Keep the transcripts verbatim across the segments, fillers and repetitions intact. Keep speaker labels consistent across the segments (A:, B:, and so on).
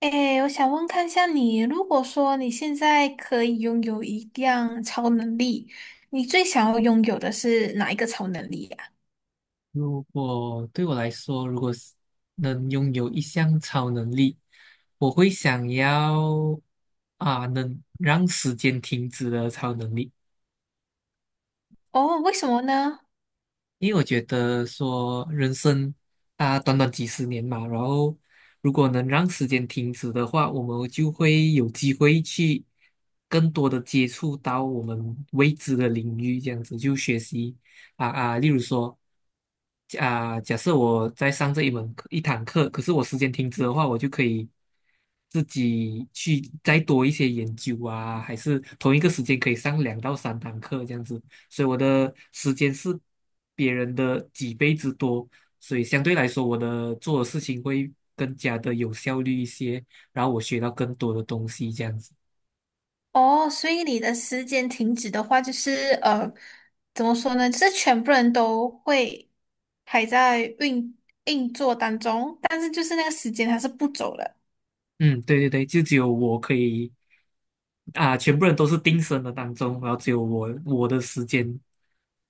A: 诶，我想问看一下你，如果说你现在可以拥有一样超能力，你最想要拥有的是哪一个超能力呀？
B: 如果对我来说，如果是能拥有一项超能力，我会想要啊，能让时间停止的超能力。
A: 哦，为什么呢？
B: 因为我觉得说人生啊，短短几十年嘛，然后如果能让时间停止的话，我们就会有机会去更多的接触到我们未知的领域，这样子就学习啊啊，例如说。假假设我在上这一门课一堂课，可是我时间停止的话，我就可以自己去再多一些研究啊，还是同一个时间可以上两到三堂课这样子。所以我的时间是别人的几倍之多，所以相对来说，我的做的事情会更加的有效率一些，然后我学到更多的东西这样子。
A: 哦，所以你的时间停止的话，就是呃，怎么说呢？就是全部人都会还在运运作当中，但是就是那个时间它是不走了。
B: 嗯，对对对，就只有我可以啊，全部人都是定身的当中，然后只有我我的时间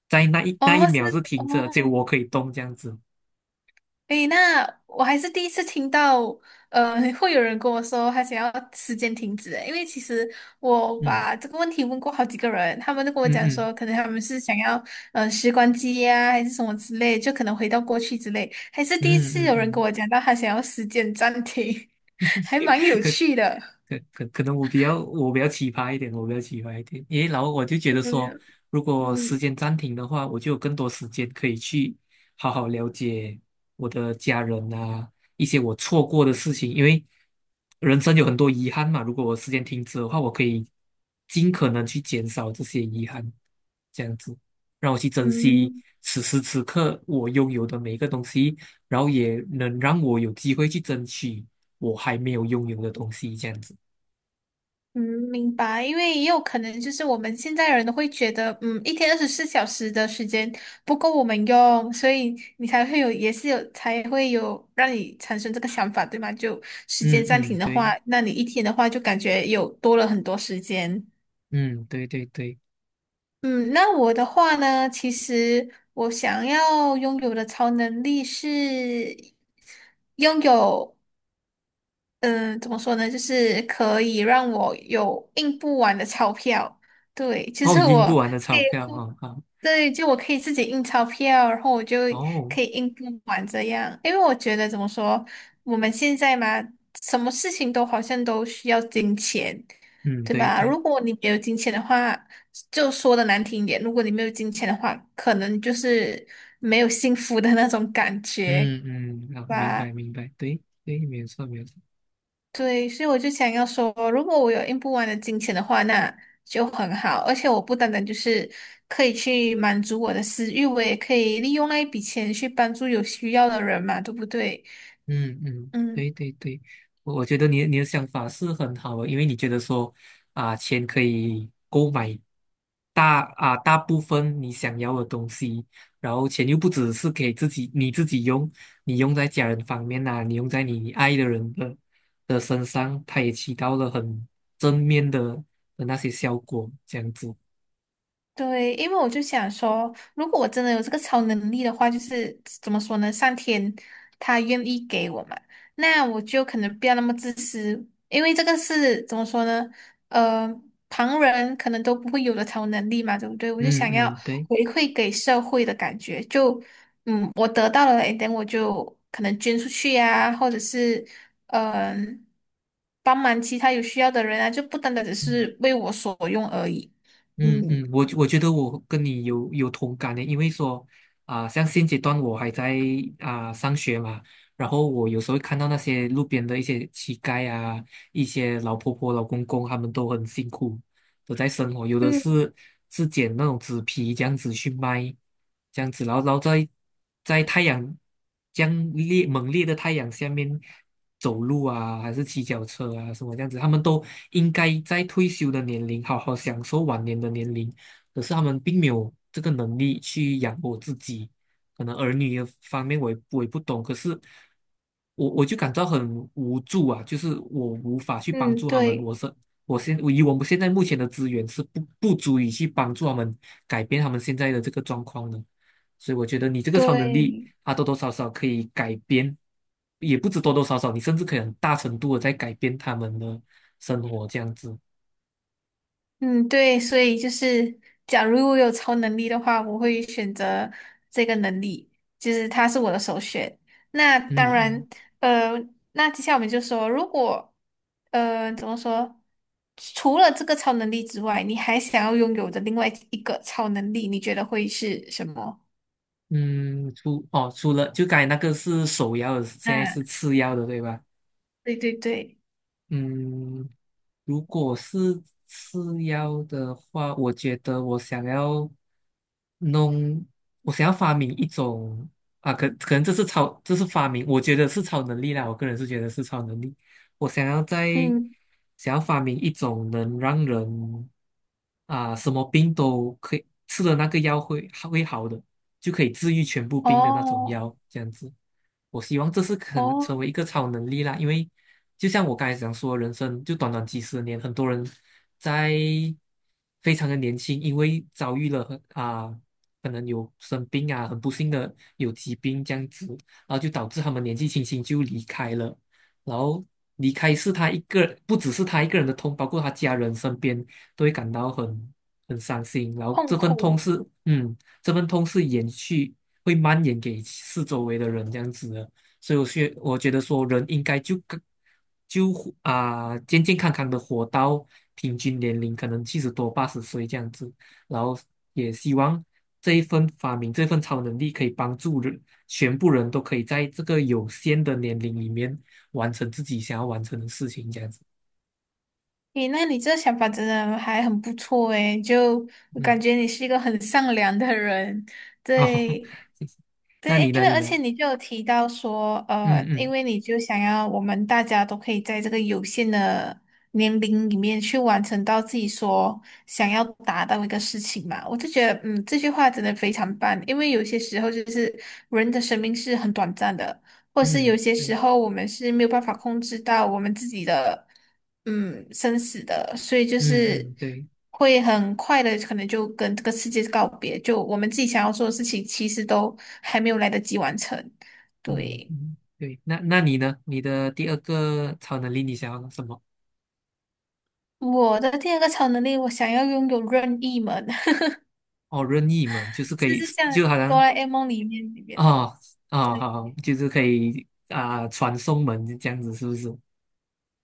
B: 在那一那一
A: 哦，是
B: 秒是
A: 哦，
B: 停着，只有我可以动这样子。
A: 诶，那我还是第一次听到，呃，会有人跟我说他想要时间停止诶，因为其实我
B: 嗯
A: 把这个问题问过好几个人，他们都跟我
B: 嗯
A: 讲
B: 嗯
A: 说，可能他们是想要呃时光机呀、还是什么之类，就可能回到过去之类，还是第一
B: 嗯
A: 次
B: 嗯
A: 有人跟
B: 嗯。
A: 我讲到他想要时间暂停，还蛮 有
B: 可
A: 趣的。
B: 可可可能我比较我比较奇葩一点，我比较奇葩一点，因为然后我就觉得说，
A: 嗯
B: 如果时
A: 嗯
B: 间暂停的话，我就有更多时间可以去好好了解我的家人啊，一些我错过的事情。因为人生有很多遗憾嘛，如果我时间停止的话，我可以尽可能去减少这些遗憾，这样子让我去珍惜
A: 嗯。
B: 此时此刻我拥有的每一个东西，然后也能让我有机会去争取我还没有拥有的东西，这样子。
A: 嗯，明白，因为也有可能就是我们现在人都会觉得，嗯，一天二十四小时的时间不够我们用，所以你才会有，也是有，才会有让你产生这个想法，对吗？就时
B: 嗯
A: 间暂
B: 嗯，
A: 停的话，
B: 对。
A: 那你一天的话就感觉有多了很多时间。
B: 嗯，对对对。
A: 嗯，那我的话呢，其实我想要拥有的超能力是拥有。嗯、呃怎么说呢？就是可以让我有印不完的钞票。对，其
B: 哦，
A: 实
B: 赢
A: 我
B: 不完的
A: 可
B: 钞
A: 以
B: 票
A: 互，
B: 哦，好。
A: 对，就我可以自己印钞票，然后我就
B: 哦。
A: 可以印不完这样。因为我觉得怎么说，我们现在嘛，什么事情都好像都需要金钱，
B: 嗯，
A: 对
B: 对
A: 吧？
B: 对。
A: 如果你没有金钱的话，就说的难听一点，如果你没有金钱的话，可能就是没有幸福的那种感觉
B: 嗯嗯。啊，明白
A: 吧。
B: 明白，对对，没有错没有错。
A: 对，所以我就想要说，如果我有用不完的金钱的话，那就很好。而且我不单单就是可以去满足我的私欲，我也可以利用那一笔钱去帮助有需要的人嘛，对不对？
B: 嗯嗯，
A: 嗯。
B: 对对对，我我觉得你的你的想法是很好的，因为你觉得说啊，钱可以购买大啊大部分你想要的东西，然后钱又不只是给自己你自己用，你用在家人方面呐、你用在你爱的人的的身上，它也起到了很正面的的那些效果，这样子。
A: 对，因为我就想说，如果我真的有这个超能力的话，就是怎么说呢？上天他愿意给我嘛，那我就可能不要那么自私，因为这个是怎么说呢？呃，旁人可能都不会有的超能力嘛，对不对？我就
B: 嗯
A: 想要
B: 嗯，对。
A: 回馈给社会的感觉，就嗯，我得到了，等我就可能捐出去呀、或者是嗯、帮忙其他有需要的人啊，就不单单只
B: 嗯
A: 是为我所用而已。
B: 嗯嗯，
A: 嗯，
B: 我我觉得我跟你有有同感的，因为说啊、像现阶段我还在啊、上学嘛。然后我有时候会看到那些路边的一些乞丐啊，一些老婆婆、老公公，他们都很辛苦，都在生活，有的
A: 嗯
B: 是是捡那种纸皮这样子去卖。这样子，然后然后在在太阳这样烈猛烈的太阳下面走路啊，还是骑脚车啊什么这样子。他们都应该在退休的年龄好好享受晚年的年龄，可是他们并没有这个能力去养活自己。可能儿女的方面我也我也不懂，可是。我我就感到很无助啊，就是我无法去帮
A: 嗯，
B: 助他们。
A: 对
B: 我是我现我以我们现在目前的资源是不不足以去帮助他们改变他们现在的这个状况的。所以我觉得你这个超能力，
A: 对，
B: 啊多多少少可以改变，也不止多多少少，你甚至可以很大程度的在改变他们的生活这样子。
A: 嗯对，所以就是，假如我有超能力的话，我会选择这个能力，就是它是我的首选。那当
B: 嗯
A: 然，呃，那接下来我们就说，如果呃怎么说，除了这个超能力之外，你还想要拥有的另外一个超能力，你觉得会是什么？
B: 嗯嗯，除哦除了就刚才那个是首要的，现在
A: 啊，
B: 是次要的，对吧？
A: 对对对，
B: 嗯，如果是次要的话，我觉得我想要弄，我想要发明一种啊，可可能这是超，这是发明，我觉得是超能力啦。我个人是觉得是超能力。我想要在
A: 嗯，
B: 想要发明一种能让人啊什么病都可以吃的那个药会会好的，就可以治愈全部病的那种
A: 哦
B: 药，这样子。我希望这是可能
A: 哦，
B: 成为一个超能力啦，因为就像我刚才讲说，人生就短短几十年。很多人在非常的年轻，因为遭遇了很啊、可能有生病啊，很不幸的有疾病这样子，然后就导致他们年纪轻轻就离开了。然后离开是他一个，不只是他一个人的痛，包括他家人身边都会感到很很伤心，然后
A: 痛
B: 这份痛
A: 苦。
B: 是，嗯，这份痛是延续，会蔓延给四周围的人这样子的。所以我觉我觉得说人应该就跟就啊、健健康康的活到平均年龄，可能七十多八十岁这样子，然后也希望这一份发明这份超能力可以帮助人全部人都可以在这个有限的年龄里面完成自己想要完成的事情，这样子。
A: 诶，那你这想法真的还很不错诶，就我感
B: 嗯。
A: 觉你是一个很善良的人，
B: 哦。
A: 对，
B: 谢谢。那
A: 对，
B: 你
A: 因
B: 呢？
A: 为
B: 你
A: 而
B: 呢？
A: 且你就有提到说，
B: 嗯
A: 呃，因
B: 嗯
A: 为你就想要我们大家都可以在这个有限的年龄里面去完成到自己所想要达到一个事情嘛，我就觉得，嗯，这句话真的非常棒，因为有些时候就是人的生命是很短暂的，或是有
B: 嗯，
A: 些
B: 对。
A: 时候我们是没有办法控制到我们自己的。嗯生死的，所以就
B: 嗯
A: 是
B: 嗯，对。
A: 会很快的，可能就跟这个世界告别。就我们自己想要做的事情，其实都还没有来得及完成。
B: 嗯
A: 对，
B: 嗯，对。那那你呢？你的第二个超能力你想要什么？
A: 我的第二个超能力，我想要拥有任意门，
B: 哦，任意门就是可
A: 就
B: 以。
A: 是像
B: 就好
A: 哆
B: 像。
A: 啦 A 梦里面里面的。
B: 哦。哦好，就是可以啊、传送门这样子，是不是？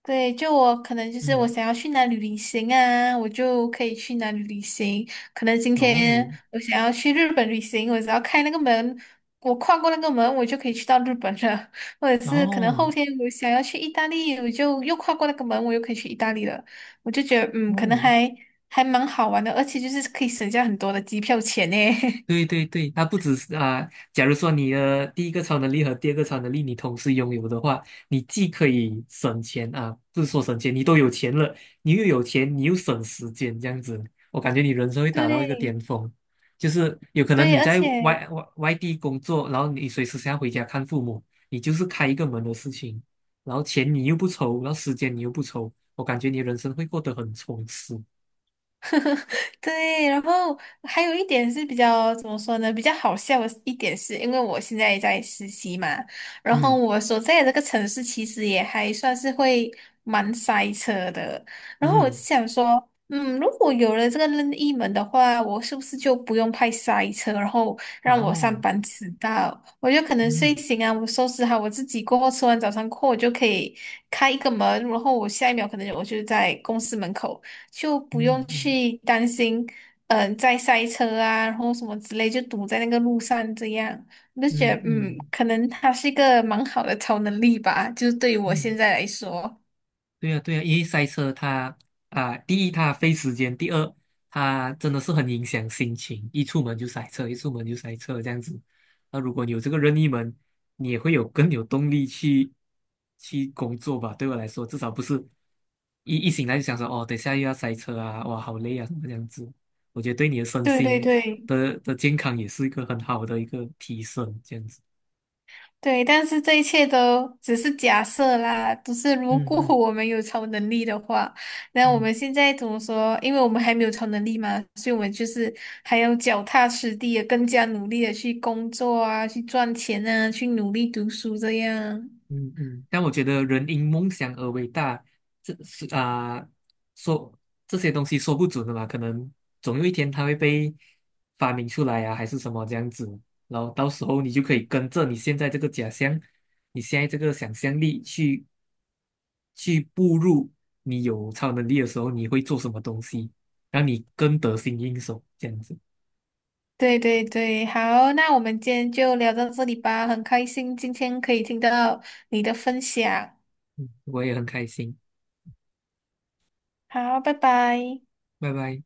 A: 对，就我可能就是我
B: 嗯。
A: 想要去哪里旅行啊，我就可以去哪里旅行。可能今
B: 哦。
A: 天我想要去日本旅行，我只要开那个门，我跨过那个门，我就可以去到日本了。或者是可能后
B: 哦。
A: 天我想要去意大利，我就又跨过那个门，我又可以去意大利了。我就觉得，嗯，可能
B: 哦，
A: 还还蛮好玩的，而且就是可以省下很多的机票钱呢。
B: 对对对，它不只是啊、假如说你的第一个超能力和第二个超能力你同时拥有的话，你既可以省钱啊，不是说省钱，你都有钱了，你又有钱，你又省时间，这样子，我感觉你人生会达到一个
A: 对
B: 巅峰。就是有可能
A: 对，
B: 你
A: 而
B: 在
A: 且
B: 外外外地工作，然后你随时想要回家看父母，你就是开一个门的事情，然后钱你又不愁，然后时间你又不愁，我感觉你人生会过得很充实。
A: 对，然后还有一点是比较怎么说呢？比较好笑的一点是，因为我现在在实习嘛，然后
B: 嗯
A: 我所在的这个城市其实也还算是会蛮塞车的。然后我就
B: 嗯，
A: 想说，嗯，如果有了这个任意门的话，我是不是就不用怕塞车，然后
B: 然
A: 让我上
B: 后
A: 班迟到？我就可能睡
B: 嗯
A: 醒啊，我收拾好我自己过后，吃完早餐过后，我就可以开一个门，然后我下一秒可能我就在公司门口。就不用
B: 嗯嗯。
A: 去担心，嗯、在塞车啊，然后什么之类，就堵在那个路上这样，我就觉
B: 嗯
A: 得，嗯，
B: 嗯
A: 可能它是一个蛮好的超能力吧，就是对于我
B: 嗯，
A: 现在来说，
B: 对呀对呀，因为塞车它啊，第一它费时间，第二它真的是很影响心情，一出门就塞车，一出门就塞车这样子。那如果你有这个任意门，你也会有更有动力去去工作吧？对我来说，至少不是一一醒来就想说哦，等下又要塞车啊，哇，好累啊，什么这样子。我觉得对你的身
A: 对对
B: 心
A: 对
B: 的的健康也是一个很好的一个提升，这样子。
A: 对，但是这一切都只是假设啦，只是如
B: 嗯
A: 果
B: 嗯
A: 我们有超能力的话，那我
B: 嗯。
A: 们现在怎么说？因为我们还没有超能力嘛，所以我们就是还要脚踏实地的，更加努力的去工作啊，去赚钱啊，去努力读书这样。
B: 嗯嗯，但我觉得人因梦想而伟大，这是啊、说这些东西说不准的嘛，可能总有一天它会被发明出来啊，还是什么这样子。然后到时候你就可以跟着你现在这个假象，你现在这个想象力去去步入你有超能力的时候，你会做什么东西，让你更得心应手，这样子。
A: 对对对，好，那我们今天就聊到这里吧，很开心今天可以听到你的分享，
B: 我也很开心，
A: 好，拜拜。
B: 拜拜。